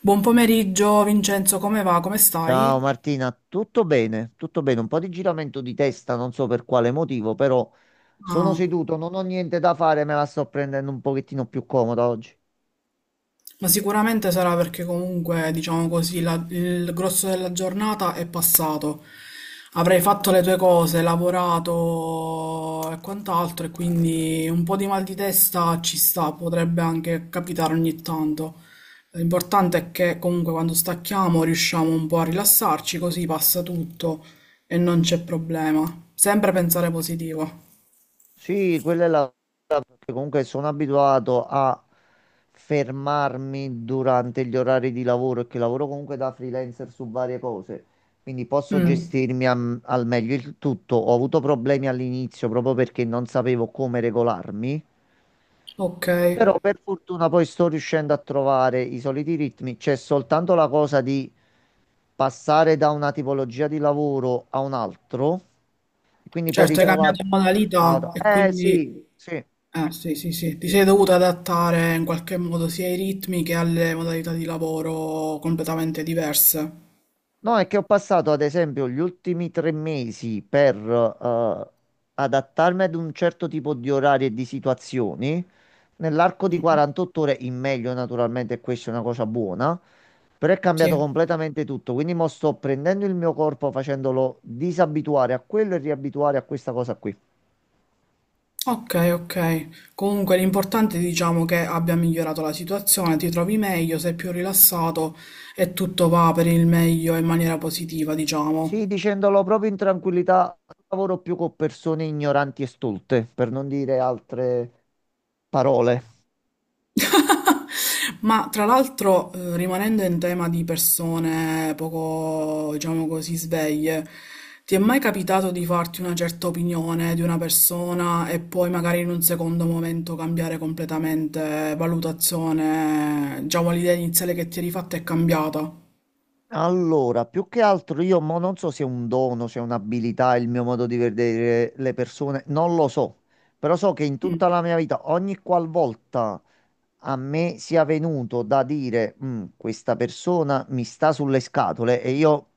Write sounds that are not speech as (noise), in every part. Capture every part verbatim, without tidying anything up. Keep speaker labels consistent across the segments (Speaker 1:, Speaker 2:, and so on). Speaker 1: Buon pomeriggio Vincenzo, come va? Come stai?
Speaker 2: Ciao Martina, tutto bene? Tutto bene, un po' di giramento di testa, non so per quale motivo, però sono
Speaker 1: Ah,
Speaker 2: seduto, non ho niente da fare, me la sto prendendo un pochettino più comoda oggi.
Speaker 1: ma sicuramente sarà perché comunque, diciamo così, la- il grosso della giornata è passato. Avrai fatto le tue cose, lavorato e quant'altro, e quindi un po' di mal di testa ci sta, potrebbe anche capitare ogni tanto. L'importante è che comunque quando stacchiamo riusciamo un po' a rilassarci, così passa tutto e non c'è problema. Sempre pensare positivo.
Speaker 2: Sì, quella è la... perché comunque sono abituato a fermarmi durante gli orari di lavoro e che lavoro comunque da freelancer su varie cose, quindi posso
Speaker 1: Mm,
Speaker 2: gestirmi am- al meglio il tutto. Ho avuto problemi all'inizio proprio perché non sapevo come regolarmi.
Speaker 1: ok.
Speaker 2: Però per fortuna poi sto riuscendo a trovare i soliti ritmi, c'è soltanto la cosa di passare da una tipologia di lavoro a un altro, e quindi poi
Speaker 1: Certo,
Speaker 2: Certo.
Speaker 1: hai
Speaker 2: Ritrovarti.
Speaker 1: cambiato modalità e
Speaker 2: Eh
Speaker 1: quindi
Speaker 2: sì, sì.
Speaker 1: eh, sì, sì, sì, ti sei dovuta adattare in qualche modo sia ai ritmi che alle modalità di lavoro completamente diverse.
Speaker 2: No, è che ho passato ad esempio gli ultimi tre mesi per eh, adattarmi ad un certo tipo di orari e di situazioni. Nell'arco di
Speaker 1: Mm,
Speaker 2: quarantotto ore, in meglio naturalmente, questa è una cosa buona, però è cambiato
Speaker 1: sì,
Speaker 2: completamente tutto. Quindi mo sto prendendo il mio corpo, facendolo disabituare a quello e riabituare a questa cosa qui.
Speaker 1: ok, ok. Comunque l'importante è diciamo che abbia migliorato la situazione, ti trovi meglio, sei più rilassato e tutto va per il meglio in maniera positiva, diciamo.
Speaker 2: Sì, dicendolo proprio in tranquillità, non lavoro più con persone ignoranti e stolte, per non dire altre parole.
Speaker 1: (laughs) Ma tra l'altro, eh, rimanendo in tema di persone poco, diciamo così, sveglie, ti è mai capitato di farti una certa opinione di una persona e poi magari in un secondo momento cambiare completamente valutazione, diciamo l'idea iniziale che ti eri fatta è cambiata?
Speaker 2: Allora, più che altro io mo non so se è un dono, se è un'abilità, il mio modo di vedere le persone, non lo so, però so che in
Speaker 1: Mm,
Speaker 2: tutta la mia vita, ogni qualvolta a me sia venuto da dire, "Mm, questa persona mi sta sulle scatole e io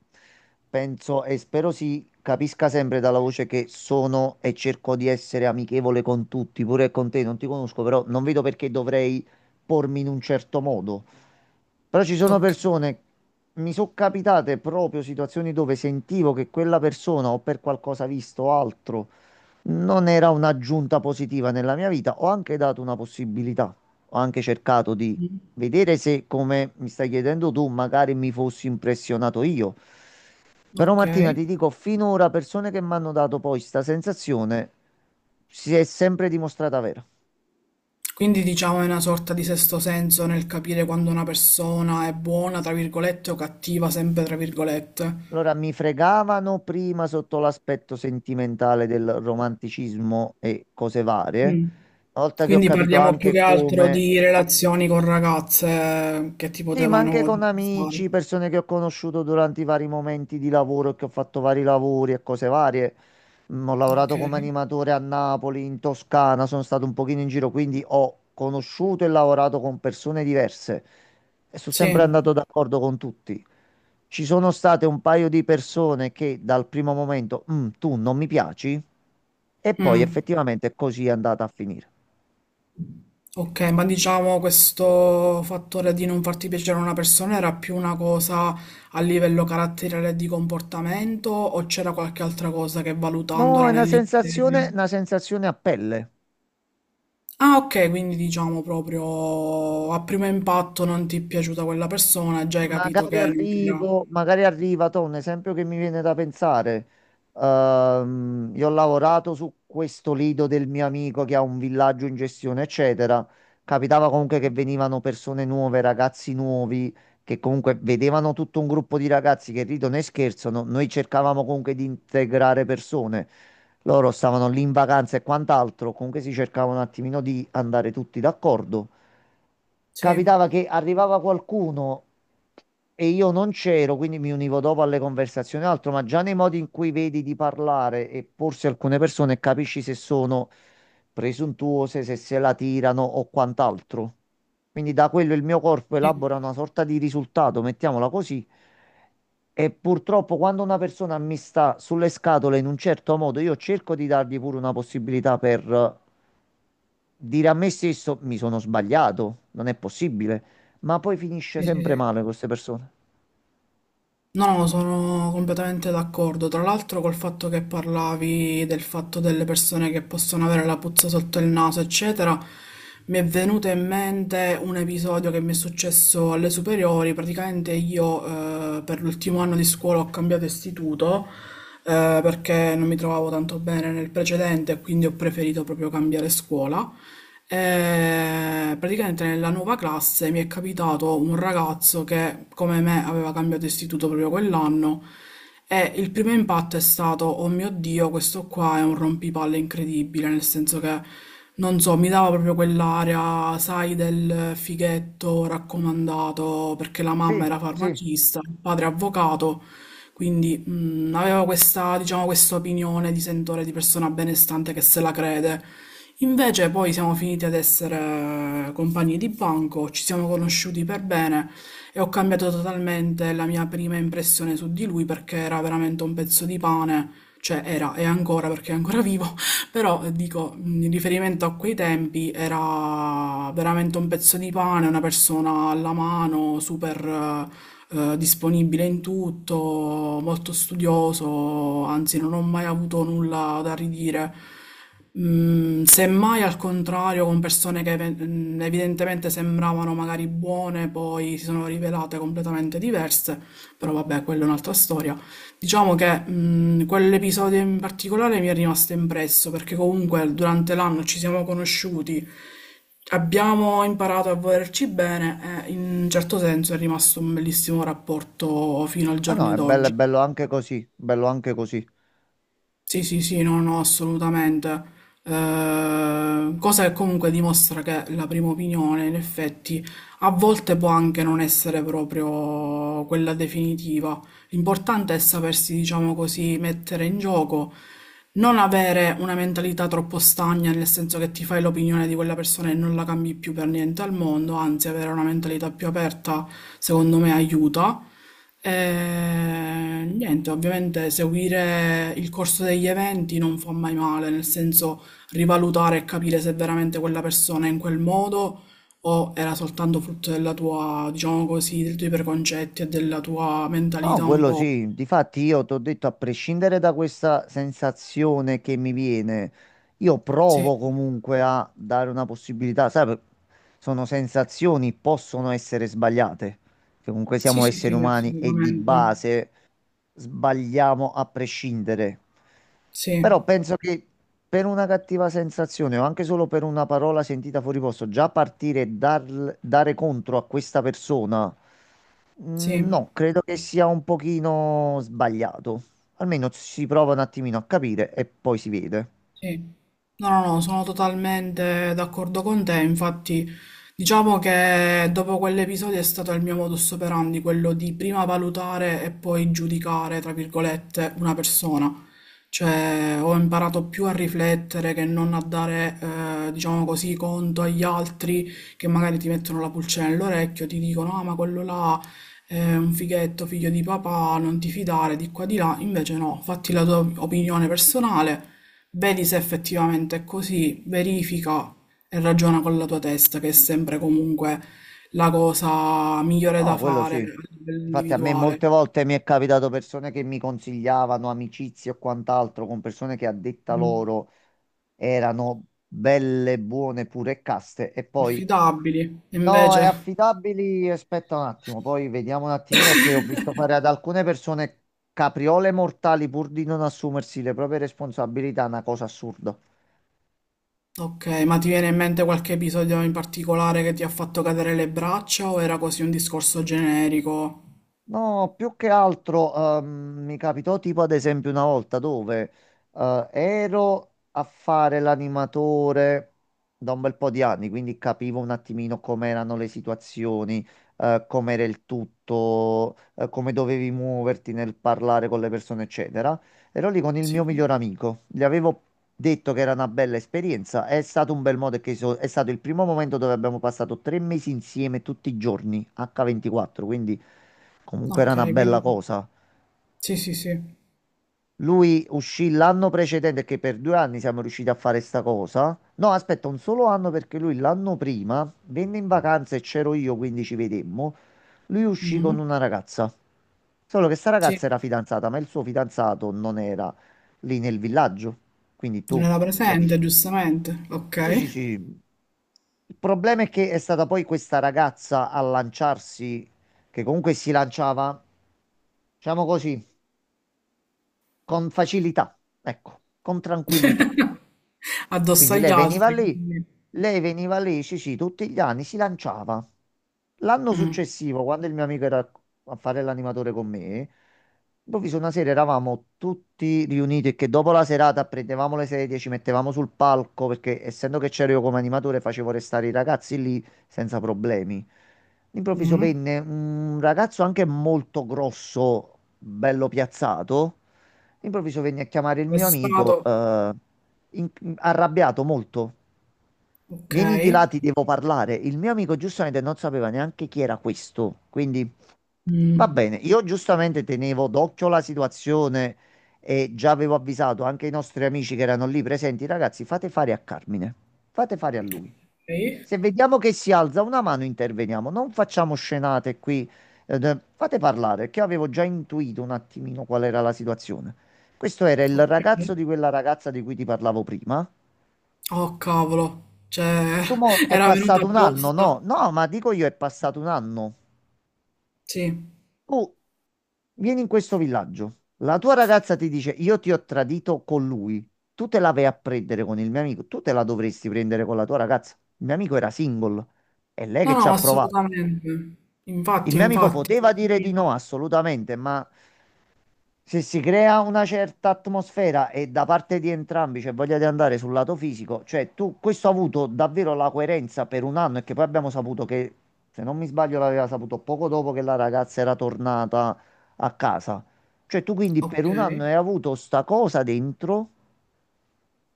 Speaker 2: penso e spero si capisca sempre dalla voce che sono e cerco di essere amichevole con tutti, pure con te, non ti conosco, però non vedo perché dovrei pormi in un certo modo. Però ci sono
Speaker 1: ok.
Speaker 2: persone, mi sono capitate proprio situazioni dove sentivo che quella persona o per qualcosa visto o altro non era un'aggiunta positiva nella mia vita. Ho anche dato una possibilità, ho anche cercato di
Speaker 1: Mm,
Speaker 2: vedere se, come mi stai chiedendo tu, magari mi fossi impressionato io. Però
Speaker 1: ok.
Speaker 2: Martina, ti dico, finora persone che mi hanno dato poi questa sensazione si è sempre dimostrata vera.
Speaker 1: Quindi diciamo è una sorta di sesto senso nel capire quando una persona è buona, tra virgolette, o cattiva, sempre tra virgolette.
Speaker 2: Allora, mi fregavano prima sotto l'aspetto sentimentale del romanticismo e cose varie.
Speaker 1: Mm.
Speaker 2: Una volta che ho
Speaker 1: Quindi
Speaker 2: capito
Speaker 1: parliamo più che
Speaker 2: anche
Speaker 1: altro
Speaker 2: come
Speaker 1: di relazioni con ragazze che ti
Speaker 2: Sì, ma anche
Speaker 1: potevano
Speaker 2: con
Speaker 1: distare.
Speaker 2: amici, persone che ho conosciuto durante i vari momenti di lavoro, che ho fatto vari lavori e cose varie. Mm, Ho
Speaker 1: Ok.
Speaker 2: lavorato come animatore a Napoli, in Toscana, sono stato un pochino in giro, quindi ho conosciuto e lavorato con persone diverse e sono sempre
Speaker 1: Sì.
Speaker 2: andato d'accordo con tutti. Ci sono state un paio di persone che dal primo momento, "Mm, tu non mi piaci, e poi
Speaker 1: Mm.
Speaker 2: effettivamente così è andata a finire.
Speaker 1: Ok, ma diciamo questo fattore di non farti piacere a una persona era più una cosa a livello caratteriale e di comportamento o c'era qualche altra cosa che
Speaker 2: No, è
Speaker 1: valutandola
Speaker 2: una sensazione,
Speaker 1: nell'insieme?
Speaker 2: una sensazione a pelle.
Speaker 1: Ah, ok, quindi diciamo proprio a primo impatto non ti è piaciuta quella persona, già hai capito
Speaker 2: Magari
Speaker 1: che non era.
Speaker 2: arrivo, magari arriva, to, un esempio che mi viene da pensare. Ehm, io ho lavorato su questo lido del mio amico che ha un villaggio in gestione, eccetera. Capitava comunque che venivano persone nuove, ragazzi nuovi, che comunque vedevano tutto un gruppo di ragazzi che ridono e scherzano. Noi cercavamo comunque di integrare persone. Loro stavano lì in vacanza e quant'altro, comunque si cercava un attimino di andare tutti d'accordo.
Speaker 1: Sì,
Speaker 2: Capitava che arrivava qualcuno. E io non c'ero, quindi mi univo dopo alle conversazioni e altro, ma già nei modi in cui vedi di parlare e porsi alcune persone capisci se sono presuntuose, se se la tirano o quant'altro. Quindi da quello il mio corpo
Speaker 1: sì,
Speaker 2: elabora una sorta di risultato, mettiamola così. E purtroppo quando una persona mi sta sulle scatole in un certo modo, io cerco di dargli pure una possibilità per eh, dire a me stesso mi sono sbagliato, non è possibile ma poi finisce
Speaker 1: sì, sì.
Speaker 2: sempre
Speaker 1: Sì.
Speaker 2: male con queste persone.
Speaker 1: No, no, sono completamente d'accordo. Tra l'altro col fatto che parlavi del fatto delle persone che possono avere la puzza sotto il naso, eccetera, mi è venuto in mente un episodio che mi è successo alle superiori. Praticamente io eh, per l'ultimo anno di scuola ho cambiato istituto eh, perché non mi trovavo tanto bene nel precedente, quindi ho preferito proprio cambiare scuola. E praticamente nella nuova classe mi è capitato un ragazzo che, come me, aveva cambiato istituto proprio quell'anno e il primo impatto è stato, oh mio Dio, questo qua è un rompipalle incredibile, nel senso che, non so, mi dava proprio quell'area, sai, del fighetto raccomandato perché la mamma
Speaker 2: Sì,
Speaker 1: era
Speaker 2: sì.
Speaker 1: farmacista, il padre avvocato, quindi mh, avevo questa, diciamo, questa opinione di sentore, di persona benestante che se la crede. Invece poi siamo finiti ad essere compagni di banco, ci siamo conosciuti per bene e ho cambiato totalmente la mia prima impressione su di lui perché era veramente un pezzo di pane, cioè era e ancora perché è ancora vivo, però eh, dico, mh, in riferimento a quei tempi era veramente un pezzo di pane, una persona alla mano, super eh, eh, disponibile in tutto, molto studioso, anzi non ho mai avuto nulla da ridire. Mm, semmai al contrario, con persone che ev- mm, evidentemente sembravano magari buone, poi si sono rivelate completamente diverse, però vabbè, quella è un'altra storia. Diciamo che mh, quell'episodio in particolare mi è rimasto impresso perché comunque durante l'anno ci siamo conosciuti, abbiamo imparato a volerci bene e in un certo senso è rimasto un bellissimo rapporto fino al
Speaker 2: Ma no,
Speaker 1: giorno
Speaker 2: è bello, è
Speaker 1: d'oggi.
Speaker 2: bello anche così, bello anche così.
Speaker 1: Sì, sì, sì, no, no, assolutamente. Eh, cosa che comunque dimostra che la prima opinione, in effetti, a volte può anche non essere proprio quella definitiva. L'importante è sapersi, diciamo così, mettere in gioco, non avere una mentalità troppo stagna, nel senso che ti fai l'opinione di quella persona e non la cambi più per niente al mondo, anzi, avere una mentalità più aperta, secondo me, aiuta. Eh, niente, ovviamente seguire il corso degli eventi non fa mai male, nel senso rivalutare e capire se veramente quella persona è in quel modo o era soltanto frutto della tua, diciamo così, dei tuoi preconcetti e della tua
Speaker 2: No,
Speaker 1: mentalità un
Speaker 2: quello
Speaker 1: po'.
Speaker 2: sì, difatti io ti ho detto, a prescindere da questa sensazione che mi viene, io
Speaker 1: Sì,
Speaker 2: provo comunque a dare una possibilità, sai, per- sono sensazioni, possono essere sbagliate, che comunque
Speaker 1: sì,
Speaker 2: siamo
Speaker 1: sì,
Speaker 2: esseri
Speaker 1: sì,
Speaker 2: umani e di
Speaker 1: assolutamente.
Speaker 2: base sbagliamo a prescindere.
Speaker 1: Sì,
Speaker 2: Però penso che per una cattiva sensazione o anche solo per una parola sentita fuori posto, già partire e dar- dare contro a questa persona, mm,
Speaker 1: sì.
Speaker 2: no, credo che sia un pochino sbagliato. Almeno si prova un attimino a capire e poi si vede.
Speaker 1: Sì. No, no, no, sono totalmente d'accordo con te. Infatti, diciamo che dopo quell'episodio è stato il mio modus operandi, quello di prima valutare e poi giudicare, tra virgolette, una persona. Cioè, ho imparato più a riflettere che non a dare, eh, diciamo così, conto agli altri che magari ti mettono la pulcina nell'orecchio, ti dicono, ah, ma quello là è un fighetto, figlio di papà, non ti fidare di qua di là. Invece no, fatti la tua opinione personale. Vedi se effettivamente è così, verifica e ragiona con la tua testa, che è sempre comunque la cosa migliore
Speaker 2: No,
Speaker 1: da
Speaker 2: quello
Speaker 1: fare a
Speaker 2: sì.
Speaker 1: livello
Speaker 2: Infatti a me
Speaker 1: individuale.
Speaker 2: molte volte mi è capitato persone che mi consigliavano amicizie o quant'altro con persone che a detta
Speaker 1: Mm.
Speaker 2: loro erano belle, buone, pure e caste e poi
Speaker 1: Affidabili. E
Speaker 2: No, è
Speaker 1: invece,
Speaker 2: affidabili, aspetta un attimo, poi vediamo un attimino perché ho visto fare ad alcune persone capriole mortali pur di non assumersi le proprie responsabilità, una cosa assurda.
Speaker 1: ok, ma ti viene in mente qualche episodio in particolare che ti ha fatto cadere le braccia o era così un discorso generico?
Speaker 2: No, più che altro ehm, mi capitò tipo ad esempio una volta dove eh, ero a fare l'animatore da un bel po' di anni, quindi capivo un attimino com'erano le situazioni, eh, com'era il tutto, eh, come dovevi muoverti nel parlare con le persone, eccetera. Ero lì con il mio
Speaker 1: Sì.
Speaker 2: miglior amico, gli avevo detto che era una bella esperienza. È stato un bel modo che so- è stato il primo momento dove abbiamo passato tre mesi insieme tutti i giorni, acca ventiquattro, quindi comunque era
Speaker 1: Ok,
Speaker 2: una bella
Speaker 1: quindi
Speaker 2: cosa.
Speaker 1: sì, sì, sì.
Speaker 2: Lui uscì l'anno precedente, che per due anni siamo riusciti a fare sta cosa. No, aspetta, un solo anno perché lui l'anno prima venne in vacanza e c'ero io, quindi ci vedemmo. Lui uscì con
Speaker 1: Mhm.
Speaker 2: una ragazza. Solo che sta
Speaker 1: Sì,
Speaker 2: ragazza era fidanzata, ma il suo fidanzato non era lì nel villaggio. Quindi
Speaker 1: non
Speaker 2: tu
Speaker 1: era
Speaker 2: già dici,
Speaker 1: presente, giustamente.
Speaker 2: sì, sì,
Speaker 1: Ok.
Speaker 2: sì. Il problema è che è stata poi questa ragazza a lanciarsi, che comunque si lanciava, diciamo così, con facilità, ecco, con tranquillità.
Speaker 1: Addosso
Speaker 2: Quindi
Speaker 1: agli
Speaker 2: lei veniva
Speaker 1: altri,
Speaker 2: lì,
Speaker 1: quindi-
Speaker 2: lei veniva lì, sì, sì, tutti gli anni si lanciava. L'anno
Speaker 1: Mm.
Speaker 2: successivo, quando il mio amico era a fare l'animatore con me, improvviso una sera eravamo tutti riuniti e che dopo la serata prendevamo le sedie, ci mettevamo sul palco, perché essendo che c'ero io come animatore facevo restare i ragazzi lì senza problemi. All'improvviso
Speaker 1: Mm.
Speaker 2: venne un ragazzo anche molto grosso, bello piazzato. Improvviso venne a chiamare il mio amico,
Speaker 1: Arrestato.
Speaker 2: eh, in- arrabbiato molto.
Speaker 1: Ok.
Speaker 2: Vieni di là, ti devo parlare. Il mio amico giustamente non sapeva neanche chi era questo, quindi va
Speaker 1: Mm.
Speaker 2: bene. Io giustamente tenevo d'occhio la situazione e già avevo avvisato anche i nostri amici che erano lì presenti, ragazzi, fate fare a Carmine, fate fare a lui.
Speaker 1: Ok.
Speaker 2: Se vediamo che si alza una mano, interveniamo. Non facciamo scenate qui. Eh, d- fate parlare, perché io avevo già intuito un attimino qual era la situazione. Questo era il
Speaker 1: Ok.
Speaker 2: ragazzo di quella ragazza di cui ti parlavo prima.
Speaker 1: Oh cavolo, cioè
Speaker 2: Tu mo
Speaker 1: (laughs)
Speaker 2: è
Speaker 1: era venuto
Speaker 2: passato un anno,
Speaker 1: apposta.
Speaker 2: no? No, ma dico io è passato un anno.
Speaker 1: Sì.
Speaker 2: Tu vieni in questo villaggio. La tua ragazza ti dice: Io ti ho tradito con lui. Tu te la vai a prendere con il mio amico. Tu te la dovresti prendere con la tua ragazza. Il mio amico era single. È lei
Speaker 1: No,
Speaker 2: che ci
Speaker 1: no,
Speaker 2: ha
Speaker 1: ma
Speaker 2: provato.
Speaker 1: assolutamente.
Speaker 2: Il
Speaker 1: Infatti,
Speaker 2: mio amico
Speaker 1: infatti.
Speaker 2: poteva dire di no, assolutamente, ma se si crea una certa atmosfera e da parte di entrambi c'è voglia di andare sul lato fisico, cioè tu, questo ha avuto davvero la coerenza per un anno e che poi abbiamo saputo che, se non mi sbaglio, l'aveva saputo poco dopo che la ragazza era tornata a casa. Cioè tu quindi per
Speaker 1: Ok.
Speaker 2: un anno hai avuto sta cosa dentro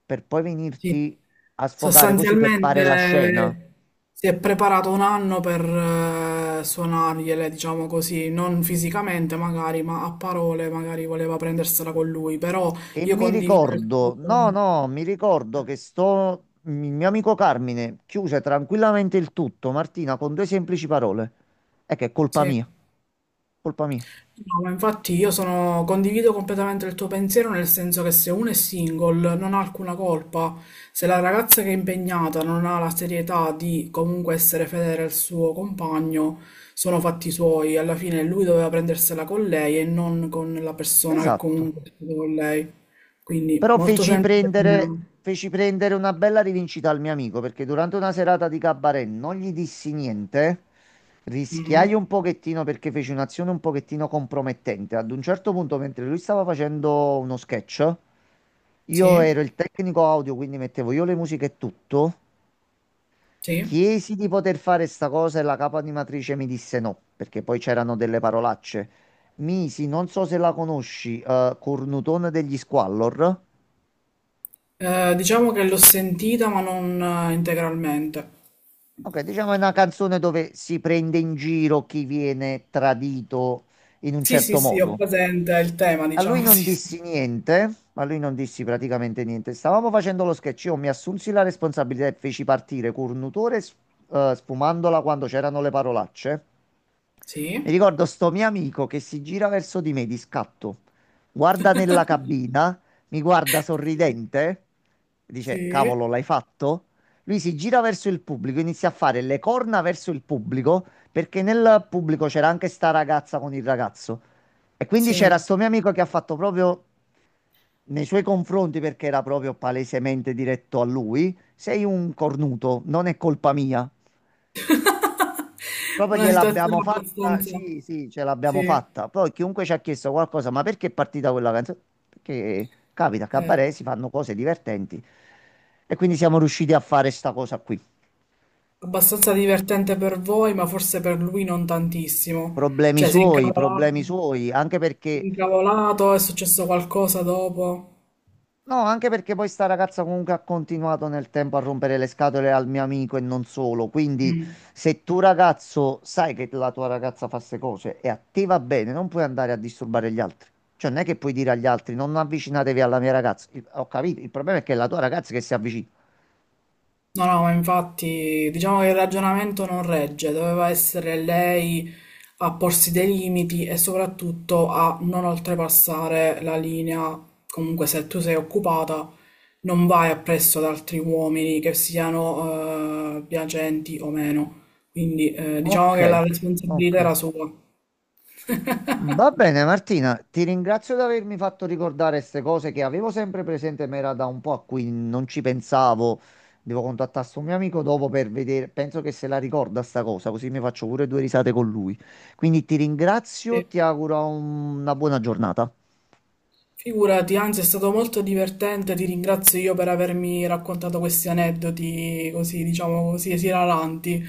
Speaker 2: per poi
Speaker 1: Sì.
Speaker 2: venirti a sfogare così per fare la scena.
Speaker 1: Sostanzialmente si è preparato un anno per eh, suonargliele, diciamo così, non fisicamente magari, ma a parole magari voleva prendersela con lui, però
Speaker 2: E
Speaker 1: io
Speaker 2: mi
Speaker 1: condivido il
Speaker 2: ricordo, no,
Speaker 1: suo...
Speaker 2: no, mi ricordo che sto, il mio amico Carmine chiuse tranquillamente il tutto, Martina, con due semplici parole. È che è colpa
Speaker 1: Sì.
Speaker 2: mia, colpa mia.
Speaker 1: No, ma infatti io sono, condivido completamente il tuo pensiero nel senso che se uno è single non ha alcuna colpa, se la ragazza che è impegnata non ha la serietà di comunque essere fedele al suo compagno, sono fatti suoi, alla fine lui doveva prendersela con lei e non con la persona che
Speaker 2: Esatto.
Speaker 1: comunque è stata con lei. Quindi
Speaker 2: Però
Speaker 1: molto
Speaker 2: feci
Speaker 1: semplice.
Speaker 2: prendere, feci prendere una bella rivincita al mio amico perché durante una serata di cabaret non gli dissi niente,
Speaker 1: Mhm.
Speaker 2: rischiai un pochettino perché feci un'azione un pochettino compromettente. Ad un certo punto, mentre lui stava facendo uno sketch, io
Speaker 1: Sì,
Speaker 2: ero il tecnico audio, quindi mettevo io le musiche e tutto.
Speaker 1: sì.
Speaker 2: Chiesi di poter fare sta cosa e la capo animatrice mi disse no, perché poi c'erano delle parolacce. Misi, non so se la conosci, eh, Cornutone degli Squallor.
Speaker 1: Eh, diciamo che l'ho sentita ma non eh, integralmente.
Speaker 2: Ok, diciamo è una canzone dove si prende in giro chi viene tradito in un
Speaker 1: Sì, sì,
Speaker 2: certo
Speaker 1: sì, ho
Speaker 2: modo.
Speaker 1: presente il tema,
Speaker 2: A lui
Speaker 1: diciamo, (laughs)
Speaker 2: non
Speaker 1: sì, sì.
Speaker 2: dissi niente, a lui non dissi praticamente niente. Stavamo facendo lo sketch, io mi assunsi la responsabilità e feci partire Cornutore s- eh, sfumandola quando c'erano le parolacce. Mi
Speaker 1: Sì,
Speaker 2: ricordo sto mio amico che si gira verso di me di scatto, guarda nella cabina, mi guarda sorridente, dice:
Speaker 1: sì,
Speaker 2: Cavolo, l'hai fatto? Lui si gira verso il pubblico, inizia a fare le corna verso il pubblico, perché nel pubblico c'era anche sta ragazza con il ragazzo. E quindi c'era
Speaker 1: sì.
Speaker 2: sto mio amico che ha fatto proprio nei suoi confronti, perché era proprio palesemente diretto a lui: Sei un cornuto, non è colpa mia. Proprio
Speaker 1: Una situazione
Speaker 2: gliel'abbiamo fatta,
Speaker 1: abbastanza,
Speaker 2: sì, sì, ce l'abbiamo
Speaker 1: sì,
Speaker 2: fatta. Poi chiunque ci ha chiesto qualcosa, ma perché è partita quella canzone? Perché capita, a
Speaker 1: eh,
Speaker 2: cabaret si fanno cose divertenti e quindi siamo riusciti a fare sta cosa qui.
Speaker 1: abbastanza divertente per voi, ma forse per lui non tantissimo.
Speaker 2: Problemi
Speaker 1: Cioè, si è
Speaker 2: suoi,
Speaker 1: incavolato,
Speaker 2: problemi suoi, anche
Speaker 1: si è
Speaker 2: perché
Speaker 1: incavolato, è successo qualcosa dopo.
Speaker 2: No, anche perché poi sta ragazza comunque ha continuato nel tempo a rompere le scatole al mio amico e non solo. Quindi,
Speaker 1: Mm.
Speaker 2: se tu ragazzo sai che la tua ragazza fa queste cose e a te va bene, non puoi andare a disturbare gli altri. Cioè, non è che puoi dire agli altri non avvicinatevi alla mia ragazza. Il- ho capito, il problema è che è la tua ragazza che si avvicina.
Speaker 1: No, no, ma infatti diciamo che il ragionamento non regge, doveva essere lei a porsi dei limiti e soprattutto a non oltrepassare la linea. Comunque, se tu sei occupata, non vai appresso ad altri uomini, che siano eh, piacenti o meno. Quindi eh, diciamo
Speaker 2: Ok,
Speaker 1: che la responsabilità
Speaker 2: ok.
Speaker 1: era sua.
Speaker 2: Va bene Martina, ti ringrazio di avermi fatto ricordare queste cose che avevo sempre presente, ma era da un po' a cui non ci pensavo. Devo contattare sto mio amico dopo per vedere, penso che se la ricorda sta cosa, così mi faccio pure due risate con lui. Quindi ti ringrazio,
Speaker 1: Sì.
Speaker 2: ti auguro un- una buona giornata.
Speaker 1: Figurati, anzi è stato molto divertente, ti ringrazio io per avermi raccontato questi aneddoti così, diciamo così, esilaranti.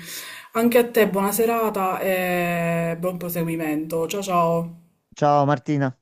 Speaker 1: Anche a te buona serata e buon proseguimento. Ciao ciao.
Speaker 2: Ciao Martina.